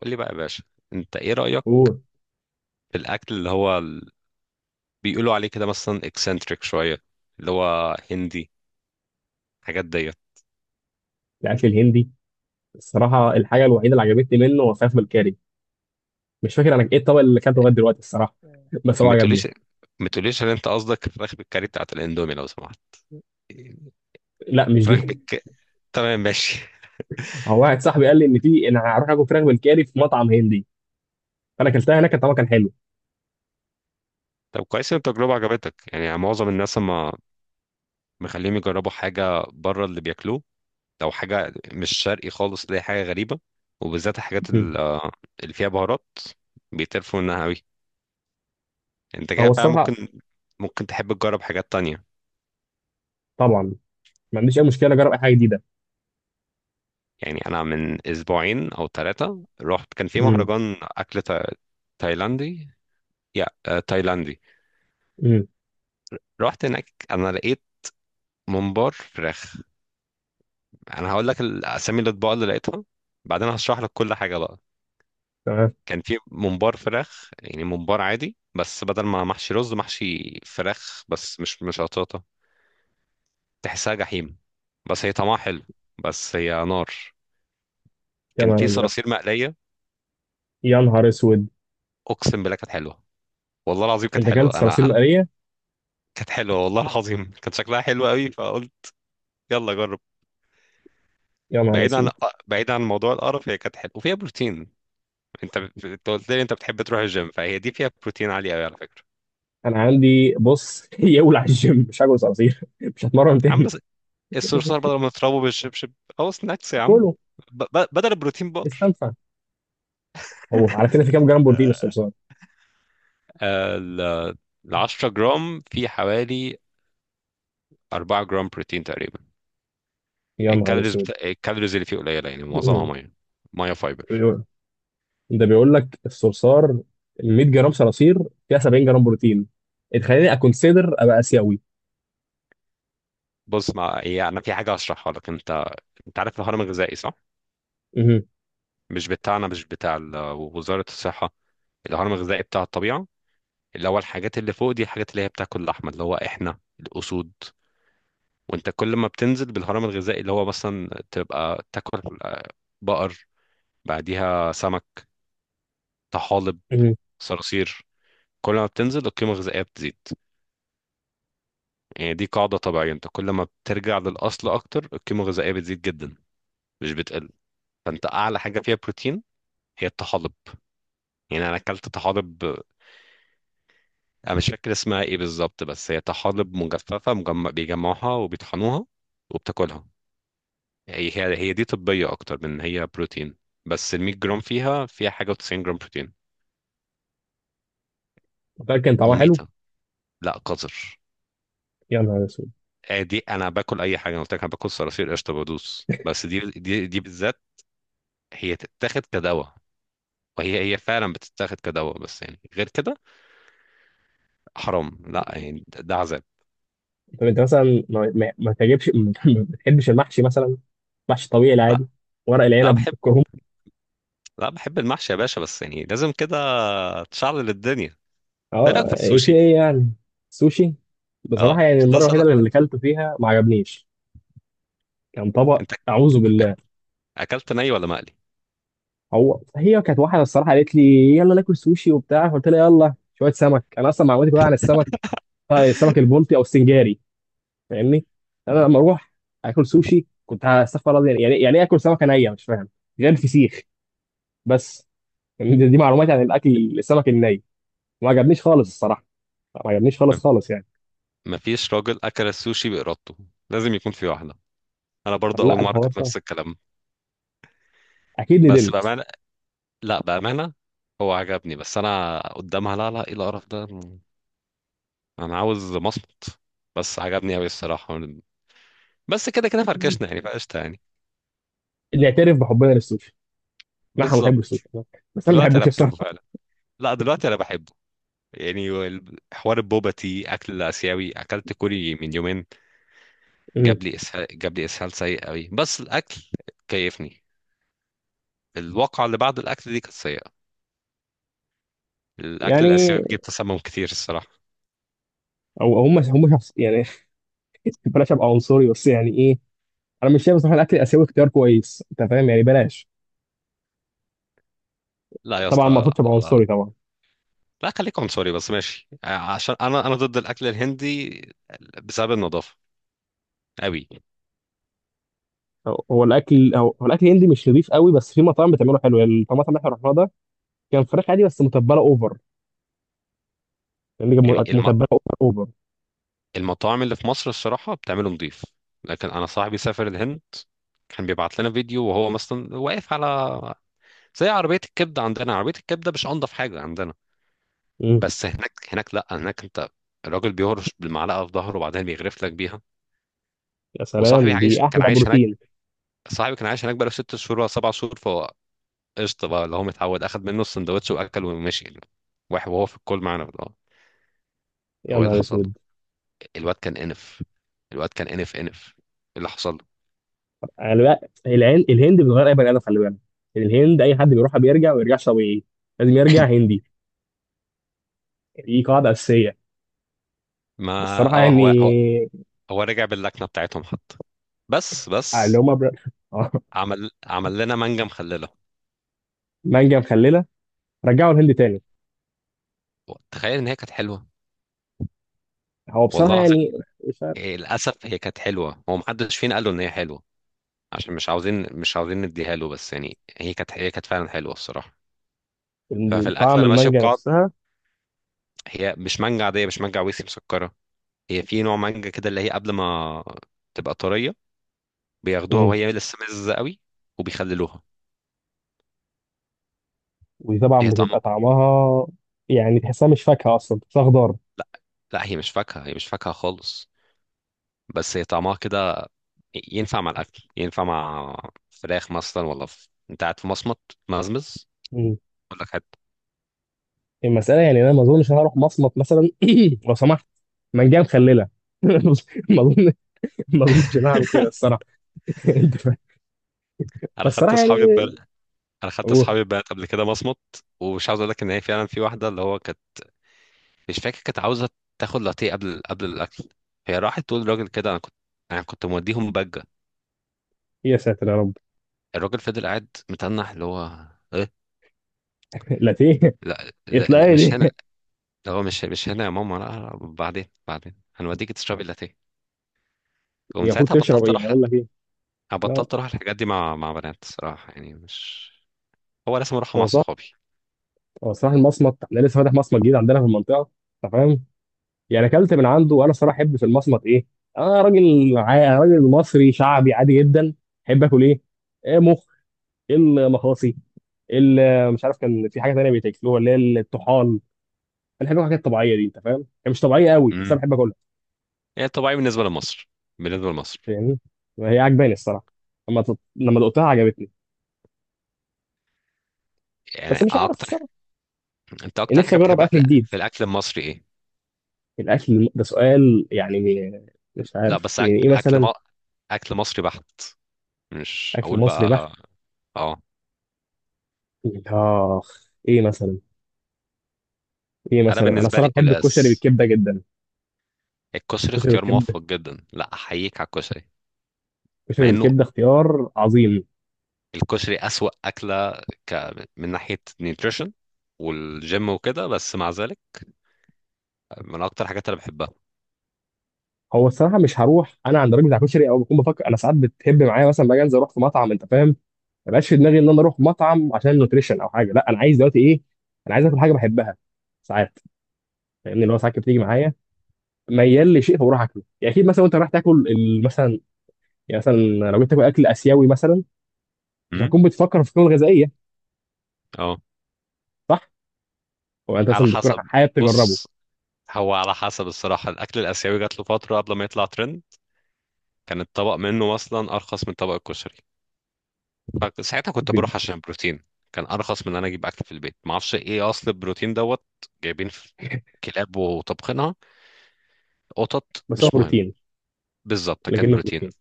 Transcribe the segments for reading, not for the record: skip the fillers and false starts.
قول لي بقى يا باشا. انت ايه رأيك اوه. في الاكل بيقولوا عليه كده مثلا اكسنتريك شوية، اللي هو هندي، حاجات ديت؟ الاكل الهندي. الصراحه الحاجه الوحيده اللي عجبتني منه هو فراخ بالكاري. مش فاكر انا ايه الطبق اللي اكلته لغايه دلوقتي الصراحه. بس هو ما عجبني. تقوليش ما تقوليش ان انت قصدك الفراخ بالكاري بتاعت الاندومي لو سمحت. لا مش فراخ دي. بالك تمام ماشي. هو واحد صاحبي قال لي ان في انا هروح اكل فراخ بالكاري في مطعم هندي. فانا اكلتها هناك طبعا كان حلو. طب كويس ان التجربة عجبتك. يعني معظم الناس ما مخليهم يجربوا حاجة بره اللي بياكلوه. لو حاجة مش شرقي خالص اللي هي حاجة غريبة، وبالذات الحاجات مم. ال- آه، اللي فيها بهارات بيتقرفوا منها قوي. انت هو كده فعلا الصراحه ممكن تحب تجرب حاجات تانية. طبعا ما عنديش اي مشكله اجرب اي حاجه جديده. يعني انا من اسبوعين او ثلاثه رحت، كان في مم. مهرجان اكل تايلاندي، يا آه، تايلاندي. مم. رحت هناك، انا لقيت ممبار فراخ. انا هقول لك الاسامي الاطباق اللي لقيتها، بعدين هشرح لك كل حاجه بقى. تمام. كان في ممبار فراخ، يعني ممبار عادي بس بدل ما محشي رز محشي فراخ، بس مش قطاطه، تحسها جحيم، بس هي طعمها حلو، بس هي نار. يا كان نهار في ازرق. صراصير مقليه، يا نهار اسود. اقسم بالله كانت حلوه، والله العظيم كانت انت اكلت حلوه. صراصير انا مقليه؟ كانت حلوه والله العظيم، كانت شكلها حلو قوي، فقلت يلا جرب. يا نهار بعيد اسود. عن بعيد عن موضوع القرف، هي كانت حلوه وفيها بروتين. انت قلت لي انت بتحب تروح الجيم، فهي دي فيها بروتين عالي قوي على فكره. انا عندي بص يولع الجيم مش هاكل صراصير مش هتمرن يا عم تاني. بس الصرصار بدل ما تضربه بالشبشب، او سناكس يا عم، اكله. بدل البروتين بار. استنفع. هو على كده في كام جرام بروتين الصرصار؟ آه، ال ال 10 جرام في حوالي 4 جرام بروتين تقريبا. يا نهار اسود. الكالوريز اللي فيه قليله، يعني معظمها ميه، ميه فايبر. بيقول- ده بيقول لك الصرصار ال 100 جرام صراصير فيها 70 جرام بروتين تخليني اكونسيدر ابقى اسيوي. بص، ما يعني انا في حاجه هشرحها لك. انت انت عارف الهرم الغذائي صح؟ مهم. مش بتاعنا، مش وزارة الصحة، الهرم الغذائي بتاع الطبيعة. اللي هو الحاجات اللي فوق دي الحاجات اللي هي بتاكل اللحمة، اللي هو احنا الأسود. وانت كل ما بتنزل بالهرم الغذائي اللي هو مثلا تبقى تاكل بقر، بعديها سمك، طحالب، مهم. صراصير. كل ما بتنزل القيمة الغذائية بتزيد. يعني دي قاعدة طبيعية، انت كل ما بترجع للأصل أكتر القيمة الغذائية بتزيد جدا، مش بتقل. فانت أعلى حاجة فيها بروتين هي الطحالب. يعني أنا أكلت طحالب، انا مش فاكر اسمها ايه بالظبط، بس هي طحالب مجففه، بيجمعوها وبيطحنوها وبتاكلها. هي دي طبيه اكتر من هي بروتين، بس ال 100 جرام فيها حاجه و90 جرام بروتين. متأكد كان طعمها حلو؟ مميته، لا قذر. يا نهار اسود. آه دي انا باكل اي حاجه، انا قلت لك انا باكل صراصير قشطه بدوس، بس دي بالذات هي تتاخد كدواء، وهي فعلا بتتاخد كدواء، بس يعني غير كده حرام. لا يعني ده عذاب. طب انت مثلا ما, ما ما تجيبش ما بتحبش المحشي مثلا؟ محشي طبيعي لا العادي. ورق لا العنب بحب، الكرنب. لا بحب المحشي يا باشا، بس يعني لازم كده تشعل الدنيا. ده رايك في اه ايه في السوشي؟ ايه يعني. سوشي؟ بصراحه اه يعني بس ده المره الوحيده اللي صراحة، اكلته فيها ما عجبنيش. كان طبق انت اعوذ أك- بالله. اكلت ني ولا مقلي؟ هو هي كانت واحده الصراحه قالت لي يلا ناكل سوشي وبتاع فقلت لها يلا شويه سمك انا اصلا معلوماتي كلها عن السمك. السمك البلطي او السنجاري. فاهمني. انا لما اروح اكل سوشي كنت هستغفر الله يعني ايه اكل سمكه نيه مش فاهم. غير الفسيخ بس. يعني دي معلوماتي عن الاكل السمك الني. ما عجبنيش خالص الصراحه. ما عجبنيش م- خالص خالص يعني. مفيش راجل اكل السوشي بارادته، لازم يكون في واحده. انا برضه اول لا مره الحوار كنت صعب. نفس الكلام. اكيد بس ندمت. بامانه، لا بامانه، هو عجبني، بس انا قدامها لا لا ايه القرف ده. انا عاوز مصمت. بس عجبني قوي الصراحه، بس كده كده فركشنا يعني، فقشطه يعني. نعترف بحبنا للسوشي. نحن بنحب بالظبط. السوشي. بس انا ما دلوقتي انا بحبوش بحبه الصراحه. فعلا، لا دلوقتي انا بحبه. يعني حوار البوبا تي اكل اسيوي، اكلت كوري من يومين، مم. جاب لي اسهال سيء قوي، بس الاكل كيفني. الواقعه اللي بعد الاكل دي كانت سيئه. الاكل الاسيوي يعني بيجيب تسمم كتير الصراحه. او هم شخص يعني. بلاش ابقى عنصري بس يعني ايه. انا مش شايف بصراحه الاكل الاسيوي اختيار كويس انت فاهم يعني بلاش. لا يا طبعا ما اسطى، اقصدش ابقى لا عنصري طبعا. لا خليك عنصري بس ماشي، عشان انا ضد الاكل الهندي بسبب النظافه قوي. هو الاكل الهندي مش نضيف قوي بس في مطاعم بتعمله حلو يعني المطعم اللي احنا رحناه ده. كان فراخ عادي بس متبله اوفر. يعني كان يعني متبله اوفر اوفر. المطاعم اللي في مصر الصراحه بتعمله نظيف، لكن انا صاحبي سافر الهند، كان بيبعت لنا فيديو وهو مثلا واقف على زي عربيه الكبده عندنا، عربيه الكبده مش انضف حاجه عندنا، مم. بس هناك لا هناك انت الراجل بيهرش بالمعلقه في ظهره وبعدين بيغرف لك بيها. يا وصاحبي سلام دي عايش، احلى كان عايش هناك. بروتين. صاحبي كان عايش هناك بقاله ست شهور ولا سبع شهور، فهو قشطه بقى اللي هو متعود، اخد منه السندوتش واكل ومشي يعني. واحد وهو في الكول معانا، اه يا هو ايه نهار اللي حصل له؟ اسود. الواد كان انف، الواد كان انف انف ايه اللي حصل له؟ انا بقى العين الهند بتغير اي بني ادم خلي بالك. يعني الهند اي حد بيروحها بيرجع ما بيرجعش طبيعي. لازم يرجع هندي. دي قاعده اساسيه. ما بس الصراحه اه، يعني. هو هو رجع باللكنه بتاعتهم حتى. بس اللي بس هم بر... عمل، لنا مانجا مخلله. مانجا مخلله. رجعوا الهند تاني. تخيل ان هي كانت حلوه هو بصراحة والله العظيم. يعني. مش عارف. إيه، للاسف هي كانت حلوه، هو محدش فينا قال له ان هي حلوه عشان مش عاوزين نديها له، بس يعني هي كانت فعلا حلوه الصراحه. ففي الاكل طعم انا ماشي المانجا بقاعد. نفسها. هي مش مانجا عاديه، مش مانجا عويسي مسكره. هي في نوع مانجا كده اللي هي قبل ما تبقى طريه، بياخدوها مم. وهي لسه مزه قوي وبيخللوها. ودي طبعا هي طعمها، بتبقى طعمها. يعني تحسها مش فاكهة أصلا تحسها خضار. لا لا هي مش فاكهه، هي مش فاكهه خالص، بس هي طعمها كده. ينفع مع الاكل، ينفع مع فراخ مثلا، ولا انت قاعد في مصمت مزمز، مم. اقول لك حتى. المسألة يعني أنا ما أظنش أنا هروح مصمت مثلا. لو سمحت. مانجا مخللة ما أظن. ما أظنش إن أنا هعمل كده الصراحة. أنت فاهم. بس انا خدت الصراحة اصحابي يعني. ببل... انا خدت أوه. اصحابي ببلد قبل كده مصمت، ومش عاوز اقول لك ان هي فعلا في واحده اللي هو كانت، مش فاكر، كانت عاوزه تاخد لاتيه قبل الاكل. هي راحت تقول للراجل كده، انا كنت، انا كنت موديهم بجه. يا ساتر يا رب. الراجل فضل قاعد متنح، اللي هو ايه، لاتيه. لا, لا, يطلع لا إيه مش دي هنا. اللي هو مش هنا يا ماما، لا, لا بعدين، هنوديكي تشربي لاتيه. دي ومن المفروض ساعتها تشرب بطلت إيه يعني اروح، لا. أقول لك إيه. أنا لا. بطلت اروح الحاجات دي مع بنات صراحه، يعني مش، هو لازم اروحها مع هو صح. صحابي. هو صراحة المصمت أنا لسه فاتح مصمت جديد عندنا في المنطقة. أنت فاهم. يعني اكلت من عنده وانا الصراحه احب في المصمت ايه. انا راجل راجل مصري شعبي عادي جدا. احب اكل ايه. إيه مخ. المخاصي. مش عارف كان في حاجه تانيه بيتاكلوها اللي هي الطحال. انا بحب الحاجات الطبيعيه دي انت فاهم هي مش طبيعيه قوي بس انا امم، بحب اكلها. هي طبيعي بالنسبه لمصر، بالنسبه لمصر. فاهمني. هي عجباني الصراحه. لما دقتها عجبتني. بس يعني مش عارف اكتر، الصراحه. انت اكتر نفسي حاجه اجرب بتحبها اكل في جديد. في الاكل المصري ايه؟ الاكل ده سؤال يعني. مش لا عارف بس يعني ايه اكل مثلا. اكل مصري بحت، مش اكل هقول مصري بحت. بقى. اه، اخ ايه مثلا. ايه انا مثلا انا بالنسبه لي الصراحه بحب الكشري قلقاس. بالكبده جدا. الكشري كشري اختيار بالكبده. موفق جدا، لا احييك على الكشري. كشري مع انه بالكبده اختيار عظيم. الكشري اسوأ اكله، ك... من ناحيه نيوتريشن والجيم وكده، بس مع ذلك من اكتر حاجات انا بحبها. هو الصراحه مش هروح انا عند الراجل بتاع كشري او بكون بفكر انا ساعات بتهب معايا مثلا باجي انزل اروح في مطعم انت فاهم. ما بقاش في دماغي ان انا اروح مطعم عشان نوتريشن او حاجه لا انا عايز دلوقتي ايه. انا عايز اكل حاجه بحبها. ساعات. فاهمني اللي هو ساعات كده بتيجي معايا. ميال لشيء فبروح اكله يعني اكيد مثلا وانت رايح تاكل مثلا. يعني مثلا. لو جيت تاكل اكل اسيوي مثلا. مش امم، هتكون بتفكر في القيمه الغذائيه. اه صح؟ هو انت على مثلا بتكون حسب. حابب تجربه. بص، هو على حسب الصراحه، الاكل الاسيوي جات له فتره قبل ما يطلع ترند، كان الطبق منه اصلا ارخص من طبق الكشري، فساعتها كنت ب- بروح عشان بروتين. كان ارخص من ان انا اجيب اكل في البيت، ما اعرفش ايه اصل البروتين دوت، جايبين في كلاب وطبخينها، قطط بس هو مش مهم. بروتين. بالظبط، كان لكنه بروتين. بروتين.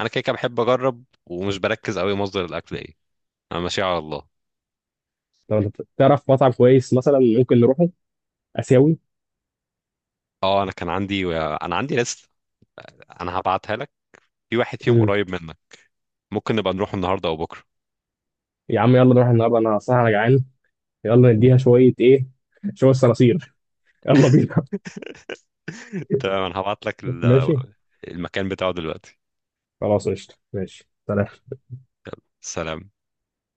انا كده كده بحب اجرب ومش بركز قوي مصدر الاكل ايه، انا ماشي على الله. لو انت تعرف مطعم كويس مثلا ممكن نروحه. اسيوي. اه، انا عندي ليست، انا هبعتها لك. في واحد فيهم مم. قريب منك، ممكن نبقى نروح النهارده او بكره. يا عم يلا نروح النهارده انا صح انا جعان. يلا نديها شويه ايه. شويه صراصير. يلا بينا. تمام، انا هبعت لك ماشي. المكان بتاعه دلوقتي. خلاص قشطه ماشي سلام. سلام.